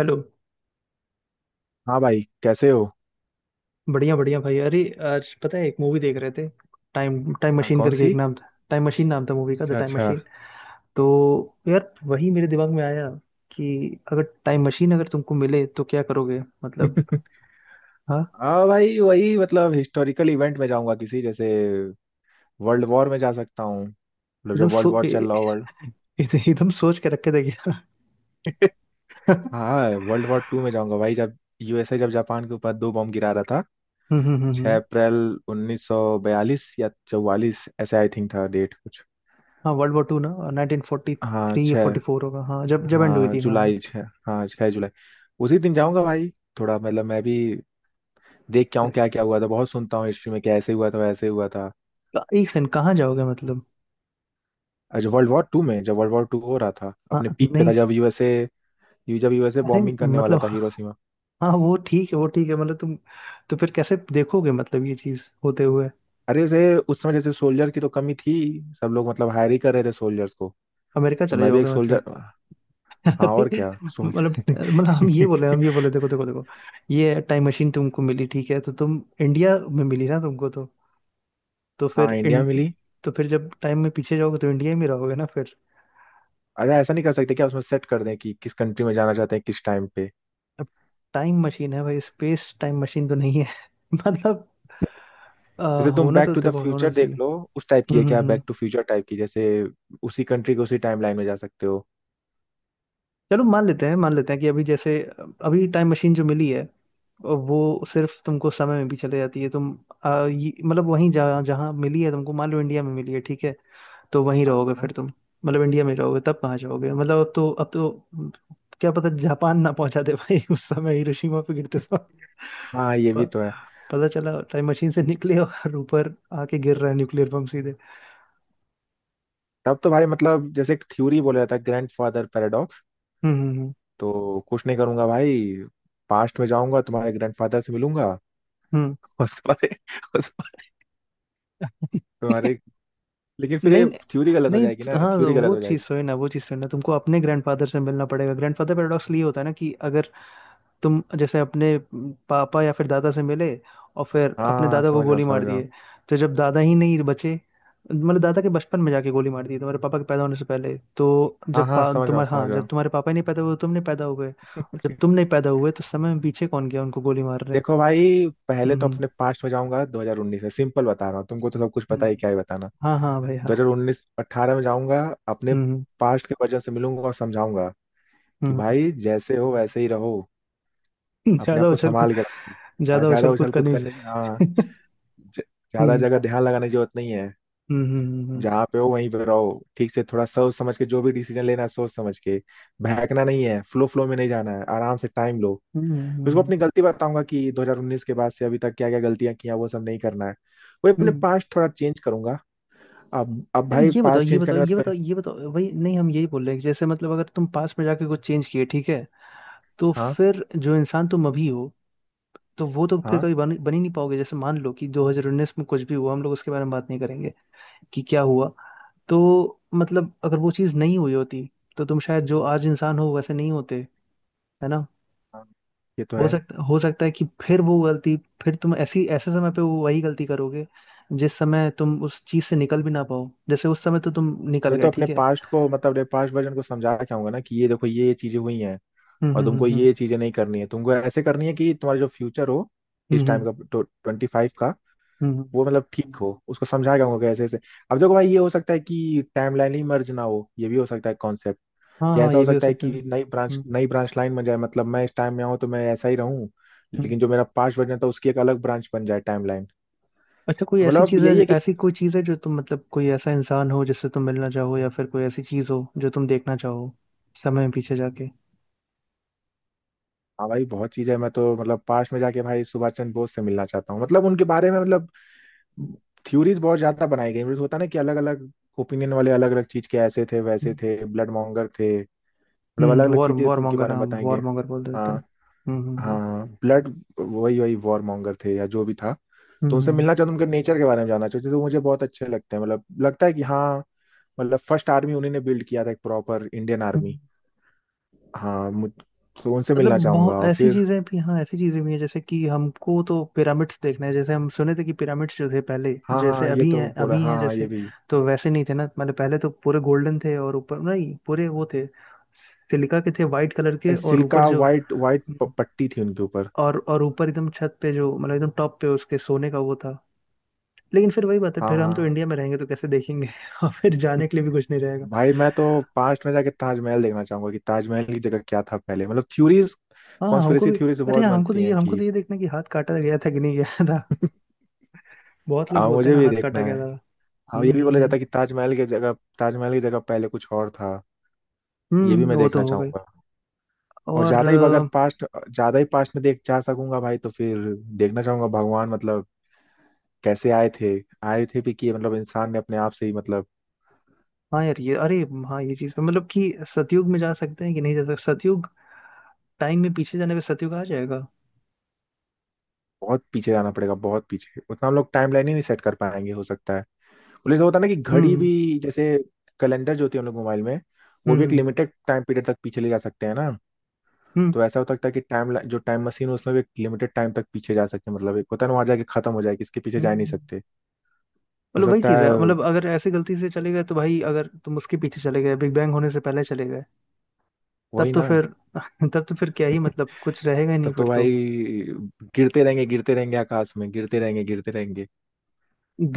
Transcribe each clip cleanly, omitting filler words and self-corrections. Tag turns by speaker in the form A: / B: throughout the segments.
A: Hello.
B: हाँ भाई कैसे हो।
A: बढ़िया बढ़िया भाई, अरे आज पता है, एक मूवी देख रहे थे। टाइम टाइम
B: हाँ,
A: मशीन
B: कौन
A: करके, एक
B: सी?
A: नाम था टाइम मशीन नाम था मूवी का, द
B: अच्छा
A: टाइम
B: अच्छा।
A: मशीन। तो यार वही मेरे दिमाग में आया कि अगर टाइम मशीन अगर तुमको मिले तो क्या करोगे मतलब। हाँ।
B: हाँ भाई वही, मतलब हिस्टोरिकल इवेंट में जाऊंगा किसी, जैसे वर्ल्ड वॉर में जा सकता हूँ। मतलब
A: एकदम
B: जब वर्ल्ड
A: सो
B: वॉर चल
A: ए-
B: रहा हो, वर्ल्ड
A: एकदम सोच के रखे थे क्या?
B: हाँ वर्ल्ड वॉर टू में जाऊंगा भाई, जब यूएसए जब जापान के ऊपर दो बॉम्ब गिरा रहा था।
A: हम्म हम्म हम्म
B: 6
A: हम्म।
B: अप्रैल 1942 या 44, ऐसे आई थिंक था डेट कुछ।
A: हाँ वर्ल्ड वॉर टू ना, नाइनटीन फोर्टी
B: हाँ
A: थ्री या
B: छः,
A: 44 होगा। हाँ, जब जब एंड हुई
B: हाँ
A: थी। हाँ हाँ।
B: जुलाई छः, हाँ छः जुलाई। उसी दिन जाऊंगा भाई। थोड़ा, मतलब मैं भी देख के आऊँ क्या क्या हुआ था। बहुत सुनता हूँ हिस्ट्री में, क्या ऐसे हुआ था वैसे हुआ था।
A: एक सेकंड, कहाँ जाओगे मतलब?
B: अच्छा, वर्ल्ड वॉर टू में जब वर्ल्ड वॉर टू हो रहा था,
A: हाँ
B: अपने पीक पे था,
A: नहीं।
B: जब यूएसए, जब यूएसए
A: अरे,
B: बॉम्बिंग करने वाला
A: मतलब
B: था हिरोशिमा।
A: हाँ वो ठीक है, वो ठीक है, मतलब तुम, तो फिर कैसे देखोगे मतलब, ये चीज होते हुए?
B: अरे जैसे उस समय जैसे सोल्जर की तो कमी थी। सब लोग मतलब हायर ही कर रहे थे सोल्जर्स को।
A: अमेरिका
B: तो
A: चले
B: मैं भी एक
A: जाओगे
B: सोल्जर।
A: मतलब?
B: हाँ
A: अरे,
B: और क्या
A: मतलब
B: सोल्जर।
A: मतलब हम ये बोले देखो देखो देखो। ये टाइम मशीन तुमको मिली, ठीक है? तो तुम, इंडिया में मिली ना तुमको? तो
B: हाँ
A: फिर
B: इंडिया मिली।
A: तो फिर जब टाइम में पीछे जाओगे तो इंडिया में रहोगे ना फिर?
B: अरे ऐसा नहीं कर सकते क्या, उसमें सेट कर दें कि किस कंट्री में जाना चाहते हैं, किस टाइम पे।
A: अब टाइम मशीन है भाई, स्पेस टाइम मशीन तो नहीं है। मतलब, आ,
B: जैसे तुम
A: होना
B: बैक
A: तो
B: टू द
A: देखो, होना
B: फ्यूचर
A: तो
B: देख
A: चाहिए।
B: लो। उस टाइप की
A: हम्म
B: है
A: हम्म
B: क्या,
A: हम्म।
B: बैक टू फ्यूचर टाइप की, जैसे उसी कंट्री के उसी टाइम लाइन में जा सकते हो।
A: चलो, मान लेते हैं कि अभी टाइम मशीन जो मिली है, वो सिर्फ तुमको समय में भी चले जाती है। तुम, मतलब वहीं, जहाँ जहाँ मिली है तुमको, मान लो इंडिया में मिली है ठीक है, तो वहीं रहोगे
B: हाँ
A: फिर तुम। मतलब इंडिया में ही रहोगे। तब कहाँ जाओगे मतलब? अब तो क्या पता, जापान ना पहुंचा दे भाई, उस समय हिरोशिमा पे गिरते समय।
B: हाँ, ये भी
A: प-
B: तो है।
A: पता चला टाइम मशीन से निकले और ऊपर आके गिर रहा है न्यूक्लियर बम सीधे।
B: तब तो भाई, मतलब जैसे एक थ्योरी बोला जाता है, ग्रैंडफादर पैराडॉक्स।
A: हम्म हम्म
B: तो कुछ नहीं करूंगा भाई। पास्ट में जाऊंगा, तुम्हारे ग्रैंडफादर से मिलूंगा
A: हम्म
B: और तुम्हारे और
A: हम्म।
B: तुम्हारे, लेकिन फिर ये
A: नहीं
B: थ्योरी गलत हो
A: नहीं,
B: जाएगी ना,
A: हाँ
B: थ्योरी गलत
A: वो
B: हो जाएगी
A: चीज़ तो है ना, वो चीज़ तो है ना, तुमको अपने ग्रैंडफादर से मिलना पड़ेगा। ग्रैंडफादर पैराडॉक्स ये होता है ना, कि अगर तुम जैसे अपने पापा या फिर दादा से मिले, और फिर
B: हाँ
A: अपने
B: हाँ
A: दादा को
B: समझ रहा हूँ
A: गोली मार दिए। तो जब दादा ही नहीं बचे, मतलब दादा के बचपन में जाके गोली मार दी तुम्हारे पापा के पैदा होने से पहले, तो
B: हाँ
A: जब
B: हाँ
A: पा,
B: समझ रहा हूँ
A: तुम्हारे
B: समझ
A: हाँ
B: रहा
A: जब
B: हूँ।
A: तुम्हारे पापा ही नहीं पैदा हुए, तुम नहीं पैदा हुए, और जब तुम नहीं पैदा हुए तो समय में पीछे कौन गया उनको गोली मारने?
B: देखो भाई, पहले
A: हम्म
B: तो
A: हम्म
B: अपने पास्ट में जाऊंगा। 2019 है, सिंपल बता रहा हूँ तुमको, तो सब कुछ पता ही,
A: हम्म।
B: क्या ही बताना।
A: हाँ हाँ भाई हाँ।
B: 2019 18 में जाऊंगा। अपने
A: हम्म
B: पास्ट के वर्जन से मिलूंगा और समझाऊंगा कि
A: हम्म।
B: भाई जैसे हो वैसे ही रहो। अपने
A: ज्यादा
B: आप को
A: उछल कूद
B: संभाल के रखो। हाँ
A: ज्यादा
B: ज्यादा
A: उछल कूद
B: उछल कूद
A: करनी
B: करने, हाँ
A: चाहिए।
B: ज- ज्यादा
A: हम्म
B: जगह ध्यान लगाने की जरूरत नहीं है।
A: हम्म हम्म हम्म
B: जहाँ पे हो वहीं पे रहो ठीक से। थोड़ा सोच समझ के जो भी डिसीजन लेना है, सोच समझ के। बहकना नहीं है, फ्लो फ्लो में नहीं जाना है, आराम से टाइम लो।
A: हम्म, हम्म, हम्म। हम्म, हम्म,
B: उसको
A: हम्म,
B: अपनी गलती बताऊंगा कि 2019 के बाद से अभी तक क्या क्या गलतियां की हैं, वो सब नहीं करना है। वही अपने
A: हम्म।
B: पास्ट थोड़ा चेंज करूंगा। अब
A: यार
B: भाई
A: ये बताओ,
B: पास्ट
A: ये
B: चेंज
A: बताओ,
B: करने के
A: ये
B: बाद कर...
A: बताओ, ये बताओ भाई, नहीं हम यही बोल रहे हैं कि जैसे मतलब, अगर तुम पास्ट में जाके कुछ चेंज किए ठीक है, तो
B: हाँ
A: फिर जो इंसान तुम अभी हो, तो वो तो फिर
B: हाँ
A: कभी बन ही नहीं पाओगे। जैसे मान लो कि 2019 में कुछ भी हुआ, हम लोग उसके बारे में बात नहीं करेंगे कि क्या हुआ। तो मतलब, अगर वो चीज़ नहीं हुई होती, तो तुम शायद जो आज इंसान हो वैसे नहीं होते, है ना?
B: हाँ, ये तो
A: हो
B: है।
A: सकता हो सकता है कि फिर वो गलती, फिर तुम ऐसी ऐसे समय पे वो वही गलती करोगे, जिस समय तुम उस चीज से निकल भी ना पाओ। जैसे उस समय तो तुम निकल
B: नहीं
A: गए,
B: तो अपने
A: ठीक है।
B: पास्ट को, मतलब अपने पास्ट वर्जन को समझा के आऊंगा ना, कि ये देखो ये चीजें हुई हैं
A: हम्म
B: और
A: हम्म
B: तुमको
A: हम्म
B: ये चीजें नहीं करनी है। तुमको ऐसे करनी है कि तुम्हारा जो फ्यूचर हो,
A: हम्म
B: इस
A: हम्म
B: टाइम
A: हम्म,
B: का 25 का,
A: हम्म, हम्म।
B: वो मतलब ठीक हो। उसको समझाएगा उनको ऐसे ऐसे। अब देखो भाई, ये हो सकता है कि टाइम लाइन ही मर्ज ना हो, ये भी हो सकता है कॉन्सेप्ट।
A: हाँ
B: या
A: हाँ
B: ऐसा हो
A: ये भी हो
B: सकता है
A: सकता है।
B: कि नई ब्रांच,
A: हम्म
B: नई ब्रांच लाइन बन जाए। मतलब मैं इस टाइम में आऊँ तो मैं ऐसा ही रहूँ, लेकिन जो
A: हम्म।
B: मेरा पास्ट वर्जन था उसकी एक अलग ब्रांच बन जाए टाइम लाइन।
A: अच्छा, कोई ऐसी
B: मतलब
A: चीज है
B: यही है कि
A: ऐसी कोई चीज है जो तुम, मतलब कोई ऐसा इंसान हो जिससे तुम मिलना चाहो, या फिर कोई ऐसी चीज हो जो तुम देखना चाहो, समय में पीछे जाके?
B: हाँ भाई, बहुत चीजें हैं। मैं तो मतलब पास में जाके भाई सुभाष चंद्र बोस से मिलना चाहता हूँ। मतलब उनके बारे में, मतलब थ्योरीज बहुत ज्यादा बनाई गई। मतलब होता है ना कि अलग अलग ओपिनियन वाले अलग अलग चीज के, ऐसे थे वैसे थे, ब्लड मॉन्गर थे। मतलब अलग
A: हम्म,
B: अलग
A: वॉर
B: चीजें
A: वॉर
B: उनके
A: मॉन्गर,
B: बारे में
A: हाँ
B: बताई गई।
A: वॉर मॉन्गर बोल देते हैं।
B: हाँ,
A: हम्म हम्म हम्म
B: हाँ ब्लड, वही वही वॉर मॉन्गर थे या जो भी था।
A: हम्म,
B: तो उनसे
A: हम्म,
B: मिलना चाहता हूँ, उनके नेचर के बारे में जानना चाहते, तो मुझे बहुत अच्छे लगते हैं। मतलब लगता है कि हाँ, मतलब फर्स्ट आर्मी उन्हीं ने बिल्ड किया था, एक प्रॉपर इंडियन
A: हम्म।
B: आर्मी। हाँ मुझ- तो उनसे
A: मतलब
B: मिलना चाहूंगा
A: बहुत
B: और
A: ऐसी
B: फिर
A: चीजें भी, हाँ ऐसी चीजें भी हैं। जैसे कि हमको तो पिरामिड्स देखना है, जैसे हम सुने थे कि पिरामिड्स जो थे पहले,
B: हाँ
A: जैसे
B: हाँ, ये
A: अभी
B: तो
A: हैं,
B: पूरा,
A: अभी
B: हाँ
A: हैं
B: हाँ ये
A: जैसे,
B: भी,
A: तो वैसे नहीं थे ना। मतलब पहले तो पूरे गोल्डन थे, और ऊपर नहीं पूरे वो थे सिलिका के थे, वाइट कलर के, और ऊपर
B: सिल्का
A: जो,
B: वाइट, पट्टी थी उनके ऊपर।
A: और ऊपर एकदम छत पे जो मतलब एकदम टॉप पे, उसके सोने का वो था। लेकिन फिर वही बात है,
B: हाँ
A: फिर हम
B: हाँ
A: तो
B: हाँ।
A: इंडिया में रहेंगे, तो कैसे देखेंगे? और फिर जाने के लिए भी कुछ नहीं रहेगा।
B: भाई मैं तो पास्ट में जाके ताजमहल देखना चाहूंगा कि ताजमहल की जगह क्या था पहले, मतलब थ्योरीज,
A: हाँ हमको
B: कॉन्स्पिरेसी
A: भी।
B: थ्योरीज
A: अरे
B: बहुत
A: हाँ, हमको तो
B: बनती
A: ये
B: हैं
A: हमको तो
B: कि
A: ये देखना है कि हाथ काटा गया था कि नहीं गया। बहुत लोग
B: हाँ
A: बोलते हैं
B: मुझे
A: ना
B: भी
A: हाथ
B: देखना
A: काटा गया
B: है।
A: था।
B: हाँ, ये भी बोला
A: हम्म।
B: जाता है कि ताजमहल की जगह पहले कुछ और था। ये भी मैं
A: वो
B: देखना
A: तो हो गई।
B: चाहूंगा। और
A: और
B: ज्यादा ही अगर पास्ट ज्यादा ही पास्ट में देख जा सकूंगा भाई, तो फिर देखना चाहूंगा भगवान, मतलब कैसे आए थे, आए थे भी कि मतलब इंसान ने अपने आप से ही, मतलब
A: हाँ यार ये, अरे हाँ ये चीज मतलब, कि सतयुग में जा सकते हैं कि नहीं जा सकते, सतयुग टाइम में पीछे जाने पे सतयुग आ जाएगा?
B: बहुत पीछे जाना पड़ेगा, बहुत पीछे, उतना हम लोग टाइम लाइन ही नहीं सेट कर पाएंगे, हो सकता है। बोले तो होता है ना कि घड़ी
A: हम्म
B: भी, जैसे कैलेंडर जो होती है हम लोग मोबाइल में, वो
A: हम्म
B: भी एक
A: हम्म
B: लिमिटेड टाइम पीरियड तक पीछे ले जा सकते हैं ना।
A: हम्म हम्म।
B: तो ऐसा हो सकता है कि टाइम, जो टाइम मशीन है उसमें भी एक लिमिटेड टाइम तक पीछे जा सकते हैं। मतलब एक होता है ना, वहाँ जाके खत्म हो जाए, किसके पीछे
A: हम्म,
B: जा ही नहीं
A: हम्म।
B: सकते। हो
A: मतलब वही
B: सकता
A: चीज है,
B: है,
A: मतलब अगर ऐसे गलती से चले गए, तो भाई अगर तुम उसके पीछे चले गए, बिग बैंग होने से पहले चले गए, तब
B: वही
A: तो
B: ना।
A: फिर तब तो फिर क्या ही मतलब, कुछ रहेगा ही नहीं
B: तब तो
A: फिर तो।
B: भाई गिरते रहेंगे, गिरते रहेंगे, आकाश में गिरते रहेंगे, गिरते रहेंगे।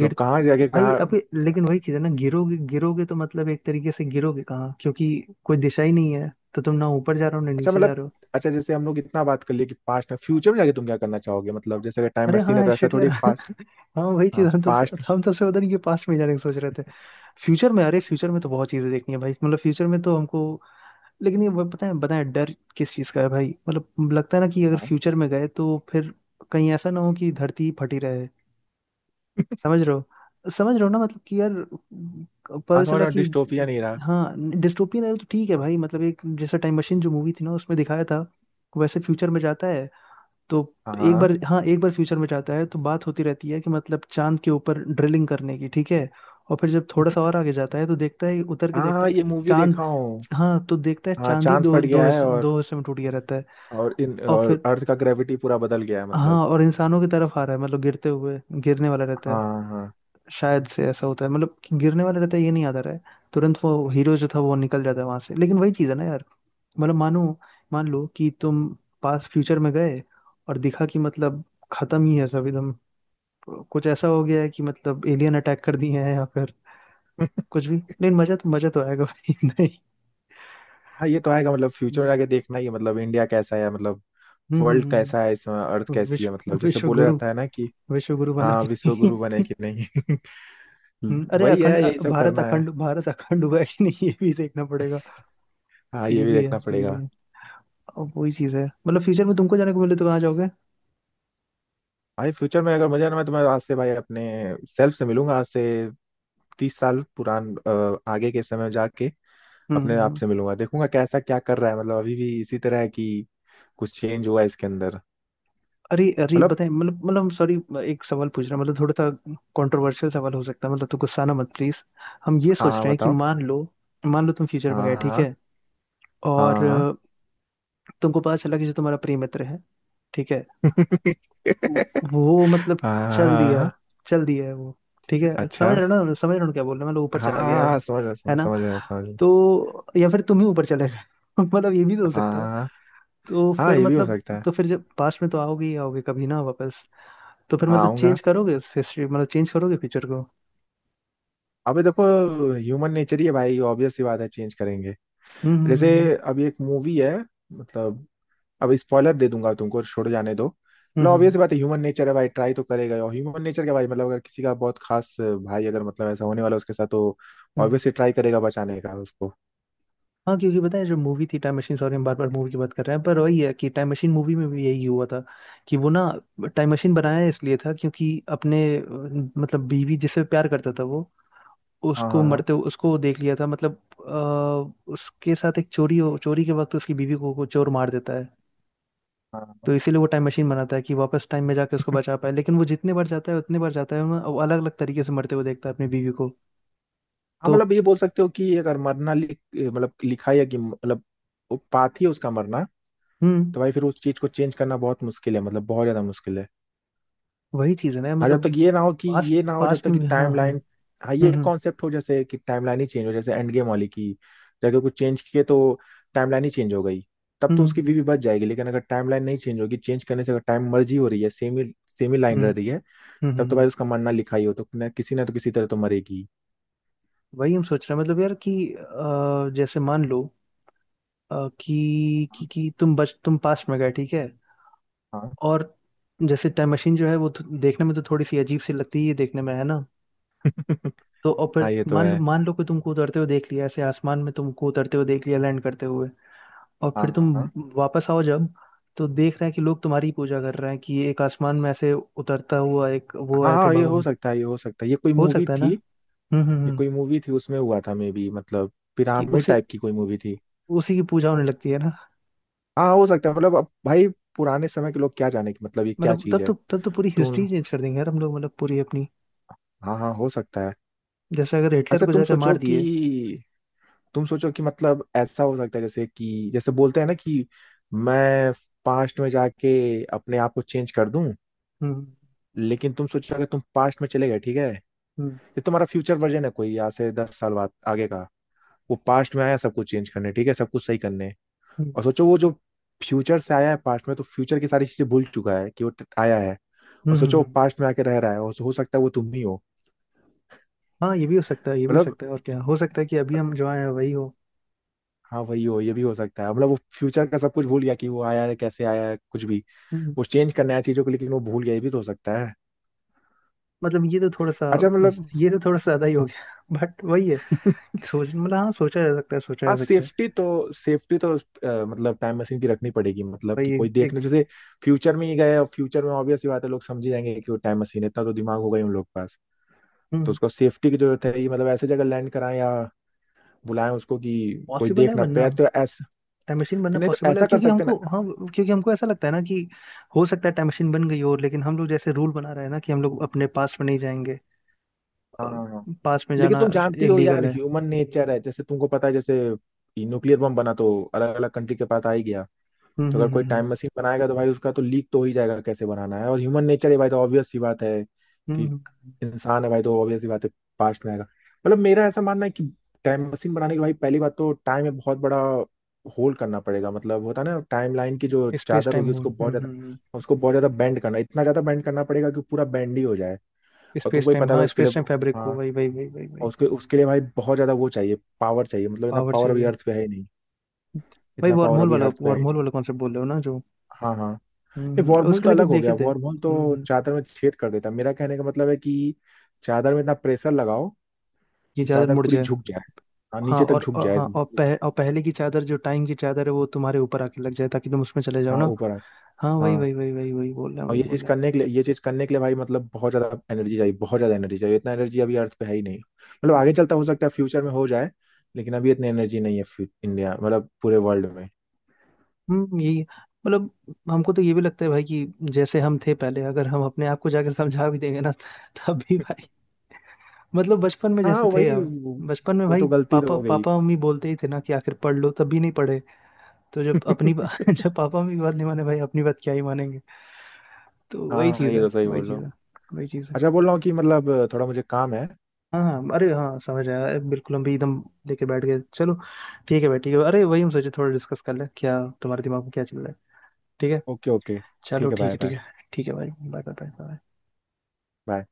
B: मतलब कहाँ जाके
A: भाई
B: कहाँ।
A: अभी, लेकिन वही चीज है ना, गिरोगे गिरोगे तो मतलब, एक तरीके से गिरोगे कहाँ, क्योंकि कोई दिशा ही नहीं है। तो तुम ना ऊपर जा रहे हो, ना
B: अच्छा,
A: नीचे जा
B: मतलब,
A: रहे हो।
B: अच्छा जैसे हम लोग इतना बात कर लिए कि पास्ट में फ्यूचर में जाके तुम क्या करना चाहोगे, मतलब जैसे अगर टाइम
A: अरे हाँ
B: मशीन है
A: है,
B: तो ऐसा
A: शिट यार।
B: थोड़ी पास्ट,
A: हाँ वही चीज,
B: हाँ
A: हम तो
B: पास्ट।
A: हम तो से पता नहीं कि पास्ट में जाने की सोच रहे थे। फ्यूचर में, अरे फ्यूचर में तो बहुत चीजें देखनी है भाई, मतलब फ्यूचर में तो हमको। लेकिन ये वो पता है, बताए, डर किस चीज का है भाई, मतलब लगता है ना कि अगर
B: हाँ
A: फ्यूचर में गए तो फिर कहीं ऐसा ना हो कि धरती ही फटी रहे। समझ रहे हो, समझ रहे हो ना, मतलब कि यार, पता
B: हाँ समझ
A: चला
B: रहा हूँ,
A: कि।
B: डिस्टोपिया नहीं रहा।
A: हाँ। डिस्टोपियन है तो ठीक है भाई, मतलब एक, जैसा टाइम मशीन जो मूवी थी ना, उसमें दिखाया था वैसे फ्यूचर में जाता है। तो
B: हाँ
A: एक
B: हाँ
A: बार, हाँ एक बार फ्यूचर में जाता है तो बात होती रहती है कि मतलब चांद के ऊपर ड्रिलिंग करने की, ठीक है। और फिर जब थोड़ा सा और आगे जाता है, तो देखता है उतर के,
B: हाँ,
A: देखता
B: हाँ,
A: है ना
B: ये
A: कि
B: मूवी
A: चांद,
B: देखा हूँ।
A: हाँ, तो देखता है
B: हाँ
A: चांद ही
B: चांद
A: दो
B: फट गया है
A: दो हिस्से में टूट गया रहता है।
B: और इन
A: और
B: और
A: फिर,
B: अर्थ का ग्रेविटी पूरा बदल गया है, मतलब
A: हाँ और इंसानों की तरफ आ रहा है, मतलब गिरते हुए, गिरने वाला रहता है।
B: हाँ हाँ।
A: शायद से ऐसा होता है, मतलब कि गिरने वाला रहता है, ये नहीं आता रहा है। तुरंत वो हीरो जो था वो निकल जाता है वहां से। लेकिन वही चीज़ है ना यार, मतलब मान लो कि तुम पास्ट फ्यूचर में गए, और दिखा कि मतलब खत्म ही है सब एकदम, कुछ ऐसा हो गया है कि मतलब एलियन अटैक कर दिए हैं, या फिर कुछ भी। लेकिन मजा तो आएगा भाई, नहीं।
B: हाँ ये तो आएगा, मतलब फ्यूचर में जाके
A: हम्म।
B: देखना ही है, मतलब इंडिया कैसा है, मतलब
A: हम्म
B: वर्ल्ड
A: हम्म,
B: कैसा है इस समय, अर्थ कैसी है,
A: विश्व
B: मतलब जैसे बोले रहता है ना कि
A: विश्व गुरु बना
B: हाँ
A: कि
B: विश्व
A: नहीं?
B: गुरु बने कि नहीं।
A: अरे
B: वही है, यही सब करना है।
A: अखंड भारत अखंड हुआ है कि नहीं, ये भी देखना पड़ेगा।
B: हाँ ये
A: ये
B: भी
A: भी है,
B: देखना
A: ये भी
B: पड़ेगा।
A: है। अब वही चीज है, मतलब फ्यूचर में तुमको जाने को मिले तो कहाँ जाओगे?
B: भाई फ्यूचर में अगर मजा ना, मैं तुम्हें आज से भाई अपने सेल्फ से मिलूंगा, आज से 30 साल आगे के समय जाके
A: हम्म
B: अपने आप
A: हम्म।
B: से मिलूंगा, देखूंगा कैसा क्या कर रहा है। मतलब अभी भी इसी तरह है कि कुछ चेंज हुआ है इसके अंदर,
A: अरे अरे
B: मतलब।
A: बताए, मतलब सॉरी, एक सवाल पूछ रहा हूं, मतलब थोड़ा सा कंट्रोवर्शियल सवाल हो सकता है, मतलब तो गुस्सा ना मत प्लीज। हम ये
B: हाँ
A: सोच
B: हाँ,
A: रहे हैं कि
B: बताओ।
A: मान लो तुम फ्यूचर में
B: हाँ
A: गए, ठीक
B: हाँ
A: है। और
B: हाँ।
A: तुमको पता चला कि जो तुम्हारा प्रिय मित्र है, ठीक है, वो
B: हाँ
A: वो मतलब
B: हाँ, हाँ,
A: चल
B: हाँ, हाँ,
A: दिया
B: हाँ।
A: चल दिया है वो, ठीक है।
B: अच्छा।
A: समझ रहे हो ना, समझ रहे हो ना, क्या बोल रहे हैं? मतलब ऊपर
B: हाँ हाँ
A: चला
B: हाँ,
A: गया है
B: हाँ,
A: वो,
B: समझ रहा,
A: है
B: समझ,
A: ना?
B: समझ रहा, समझ रहा।
A: तो या फिर तुम ही ऊपर चले गए मतलब ये भी तो हो
B: हाँ
A: सकता है।
B: हाँ
A: तो
B: हाँ, हाँ,
A: फिर
B: ये भी हो
A: मतलब
B: सकता है।
A: तो फिर जब पास्ट में तो आओगे ही आओगे कभी ना वापस, तो फिर
B: हाँ
A: मतलब
B: आऊंगा।
A: चेंज करोगे हिस्ट्री, मतलब चेंज करोगे फ्यूचर को।
B: अबे देखो, ह्यूमन नेचर ही है भाई, ऑब्वियस सी बात है, चेंज करेंगे।
A: हम्म
B: जैसे
A: हम्म हम्म
B: अभी एक मूवी है, मतलब, अब स्पॉइलर दे दूंगा तुमको, छोड़ जाने दो,
A: हम्म
B: मतलब
A: हम्म, हम्म।
B: ऑब्वियस बात है, ह्यूमन नेचर है भाई, ट्राई तो करेगा ही। और ह्यूमन नेचर क्या भाई, मतलब अगर किसी का बहुत खास भाई, अगर मतलब ऐसा होने वाला है उसके साथ, तो
A: हम्म।
B: ऑब्वियसली ट्राई करेगा बचाने का उसको।
A: हाँ क्योंकि पता है, जो मूवी थी टाइम मशीन, सॉरी हम बार बार मूवी की बात कर रहे हैं, पर वही है कि टाइम मशीन मूवी में भी यही हुआ था। कि वो ना, टाइम मशीन बनाया इसलिए था, क्योंकि अपने मतलब बीवी जिससे प्यार करता था, वो,
B: हाँ
A: उसको
B: हाँ हाँ
A: मरते हुए उसको देख लिया था, मतलब उसके साथ एक चोरी हो चोरी के वक्त उसकी बीवी को चोर मार देता है।
B: हाँ हाँ,
A: तो इसीलिए वो टाइम मशीन बनाता है कि वापस टाइम में जाके उसको बचा पाए। लेकिन वो जितने बार जाता है, उतने बार जाता है वो, अलग अलग तरीके से मरते हुए देखता है अपनी बीवी को।
B: हाँ,
A: तो।
B: मतलब ये बोल सकते हो कि अगर मरना लिख, मतलब लिखा है कि, मतलब वो पाथ ही है उसका मरना,
A: हम्म।
B: तो भाई फिर उस चीज को चेंज करना बहुत मुश्किल है, मतलब बहुत ज्यादा मुश्किल है।
A: वही चीज है ना
B: हाँ, जब
A: मतलब,
B: तक ये ना हो,
A: पास्ट
B: जब
A: पास्ट
B: तक
A: में
B: कि
A: भी- हाँ।
B: टाइम लाइन, हाँ ये
A: हम्म
B: कॉन्सेप्ट हो, जैसे कि टाइम लाइन ही चेंज हो, जैसे एंड गेम वाली की जगह कुछ चेंज किए तो टाइम लाइन ही चेंज हो गई। तब
A: हम्म
B: तो उसकी
A: हम्म
B: वीवी बच जाएगी, लेकिन अगर टाइम लाइन नहीं चेंज होगी, चेंज करने से अगर टाइम मर्जी हो रही है, सेम ही
A: हम्म
B: लाइन रह
A: हम्म,
B: रही है,
A: हम्म।
B: तब
A: हम्म,
B: तो भाई
A: हम्म।
B: उसका मरना लिखा ही हो तो ना, किसी ना तो किसी तरह तो मरेगी।
A: वही हम सोच रहे हैं मतलब यार कि जैसे मान लो, कि, कि
B: हाँ
A: कि तुम पास्ट में गए, ठीक है।
B: हाँ।
A: और जैसे टाइम मशीन जो है, वो तो देखने में तो थोड़ी सी अजीब सी लगती ही है देखने में, है ना? तो और फिर
B: हाँ ये तो
A: मान लो
B: है।
A: मान लो कि तुमको उतरते हुए देख लिया ऐसे, आसमान में तुमको उतरते हुए देख लिया, लैंड करते हुए। और
B: हाँ
A: फिर
B: हाँ
A: तुम
B: हाँ
A: वापस आओ जब, तो देख रहे हैं कि लोग तुम्हारी ही पूजा कर रहे हैं, कि एक आसमान में ऐसे उतरता हुआ एक वो
B: हाँ
A: आए थे
B: हाँ, ये हो
A: भगवान।
B: सकता है, ये कोई
A: हो
B: मूवी
A: सकता है ना।
B: थी। ये
A: हम्म।
B: कोई मूवी थी, उसमें हुआ था मे बी, मतलब
A: कि
B: पिरामिड
A: उसी
B: टाइप की कोई मूवी थी।
A: उसी की पूजा होने लगती है ना।
B: हाँ हो सकता है, मतलब अब भाई पुराने समय के लोग क्या जाने कि मतलब ये क्या
A: मतलब तब
B: चीज है।
A: तो तब तो पूरी
B: तुम
A: हिस्ट्री चेंज कर देंगे यार हम लोग, मतलब पूरी अपनी,
B: हाँ हाँ हो सकता है।
A: जैसे अगर हिटलर
B: अच्छा
A: को
B: तुम
A: जाकर
B: सोचो
A: मार दिए।
B: कि, मतलब ऐसा हो सकता है जैसे कि जैसे बोलते हैं ना, कि मैं पास्ट में जाके अपने आप को चेंज कर दूं।
A: हम्म
B: लेकिन तुम सोचो, अगर तुम पास्ट में चले गए, ठीक है, ये
A: हम्म
B: तुम्हारा फ्यूचर वर्जन है कोई, यहाँ से 10 साल बाद आगे का, वो पास्ट में आया सब कुछ चेंज करने, ठीक है सब कुछ सही करने।
A: हम्म
B: और सोचो, वो जो फ्यूचर से आया है पास्ट में, तो फ्यूचर की सारी चीजें भूल चुका है कि वो आया है। और सोचो वो
A: हम्म।
B: पास्ट में आके रह रहा है, और हो सकता है वो तुम ही हो,
A: हाँ ये भी हो सकता है, ये भी हो
B: मतलब।
A: सकता है। और क्या हो सकता है कि अभी हम जो आए हैं वही हो।
B: हाँ वही हो, ये भी हो सकता है। मतलब वो फ्यूचर का सब कुछ भूल गया कि वो आया है, कैसे आया है, कुछ भी।
A: हम्म, हम्म।
B: वो चेंज करना है चीजों को, लेकिन वो भूल गया, ये भी तो हो सकता है।
A: मतलब ये तो थोड़ा सा
B: अच्छा मतलब।
A: ये तो थोड़ा सा ज्यादा ही हो गया बट वही है कि सोच मतलब, हाँ सोचा जा सकता है, सोचा
B: हाँ
A: जा सकता है।
B: सेफ्टी तो, सेफ्टी तो मतलब टाइम मशीन की रखनी पड़ेगी, मतलब
A: भाई
B: कि कोई
A: एक, एक
B: देखने जैसे फ्यूचर में ही गए और फ्यूचर में ऑब्वियस सी बात है लोग समझ ही जाएंगे कि वो टाइम मशीन है। इतना तो दिमाग हो गई उन लोग के पास। तो
A: हम्म
B: उसको सेफ्टी की जरूरत है, ये मतलब ऐसे जगह लैंड कराएं या बुलाएं उसको कि कोई
A: पॉसिबल है
B: देख ना
A: बनना
B: पाए, तो ऐसा
A: टाइम मशीन बनना
B: फिर, नहीं तो
A: पॉसिबल है,
B: ऐसा कर सकते ना।
A: क्योंकि हमको ऐसा लगता है ना कि हो सकता है टाइम मशीन बन गई हो, लेकिन हम लोग जैसे रूल बना रहे हैं ना कि हम लोग अपने पास में नहीं जाएंगे,
B: हाँ हाँ हाँ,
A: पास में
B: लेकिन
A: जाना
B: तुम जानती हो
A: इलीगल
B: यार,
A: है।
B: ह्यूमन नेचर है, जैसे तुमको पता है, जैसे न्यूक्लियर बम बना तो अलग अलग कंट्री के पास आ ही गया।
A: हम्म
B: तो
A: हम्म
B: अगर कोई
A: हम्म हम्म
B: टाइम मशीन बनाएगा, तो भाई उसका तो लीक तो हो ही जाएगा कैसे बनाना है, और ह्यूमन नेचर है भाई, तो ऑब्वियस सी बात है
A: हम्म,
B: कि
A: हम्म, हम्म,
B: इंसान है भाई, तो ऑब्वियस सी बात है, पास्ट में आएगा। मतलब मेरा ऐसा मानना है कि टाइम मशीन बनाने के लिए भाई, पहली बात तो टाइम में बहुत बड़ा होल्ड करना पड़ेगा। मतलब होता है ना, टाइम लाइन की जो
A: स्पेस
B: चादर
A: टाइम
B: होगी
A: होल।
B: उसको बहुत ज्यादा, बेंड करना, इतना ज्यादा बेंड करना पड़ेगा कि पूरा बेंड ही हो जाए। और
A: स्पेस
B: तुमको ही
A: टाइम,
B: पता है
A: हाँ
B: उसके लिए।
A: स्पेस टाइम फैब्रिक को,
B: हाँ,
A: वही वही वही वही
B: और
A: वही,
B: उसके उसके लिए भाई बहुत ज्यादा वो चाहिए, पावर चाहिए, मतलब इतना
A: पावर
B: पावर अभी
A: चाहिए।
B: अर्थ पे है ही नहीं,
A: भाई
B: इतना
A: वार्म
B: पावर
A: होल
B: अभी
A: वाला,
B: अर्थ पे है
A: वार्म
B: ही
A: होल
B: नहीं
A: वाला कॉन्सेप्ट बोल रहे हो ना जो।
B: हाँ हाँ। नहीं वॉर्मूल
A: उसके
B: तो
A: लिए भी
B: अलग हो
A: देखे
B: गया,
A: थे।
B: वॉर्मूल तो
A: हम्म।
B: चादर में छेद कर देता है। मेरा कहने का मतलब है कि चादर में इतना प्रेशर लगाओ
A: ये
B: कि
A: चादर
B: चादर
A: मुड़
B: पूरी
A: जाए।
B: झुक जाए, हाँ
A: हाँ
B: नीचे तक झुक जाए।
A: हाँ और, और पहले की चादर जो टाइम की चादर है, वो तुम्हारे ऊपर आके लग जाए ताकि तुम उसमें चले जाओ
B: हाँ
A: ना।
B: ऊपर।
A: हाँ वही
B: हाँ,
A: वही वही वही वही बोल रहे हैं,
B: और
A: वही
B: ये
A: बोल
B: चीज
A: रहे हैं।
B: करने के लिए, भाई मतलब बहुत ज्यादा एनर्जी चाहिए, इतना एनर्जी अभी अर्थ पे है ही नहीं। मतलब आगे
A: हम्म
B: चलता, हो सकता है फ्यूचर में हो जाए, लेकिन अभी इतनी एनर्जी नहीं है इंडिया, मतलब पूरे वर्ल्ड में।
A: यही है। मतलब हमको तो ये भी लगता है भाई, कि जैसे हम थे पहले, अगर हम अपने आप को जाके समझा भी देंगे ना तब भी भाई, मतलब बचपन में
B: हाँ
A: जैसे थे
B: वही
A: हम,
B: वो
A: बचपन में
B: वो
A: भाई
B: तो गलती तो
A: पापा
B: हो गई।
A: पापा मम्मी बोलते ही थे ना कि आखिर पढ़ लो, तब भी नहीं पढ़े। तो जब अपनी जब पापा मेरी बात नहीं माने भाई, अपनी बात क्या ही मानेंगे। तो
B: हाँ
A: वही
B: हाँ,
A: चीज़
B: ये
A: है,
B: तो सही
A: वही
B: बोल रहे
A: चीज़
B: हो।
A: है, वही चीज़ है।
B: अच्छा बोल रहा हूँ कि मतलब थोड़ा मुझे काम है।
A: हाँ हाँ, अरे हाँ समझ आया। अरे, बिल्कुल हम भी एकदम लेके बैठ गए। चलो ठीक है भाई ठीक है, अरे वही हम सोचे थोड़ा डिस्कस कर ले क्या तुम्हारे दिमाग में क्या चल रहा है। ठीक है।
B: Okay okay. ठीक
A: चलो
B: है
A: ठीक
B: बाय
A: है, ठीक
B: बाय
A: है। ठीक है भाई, बाय बाय बाय।
B: बाय।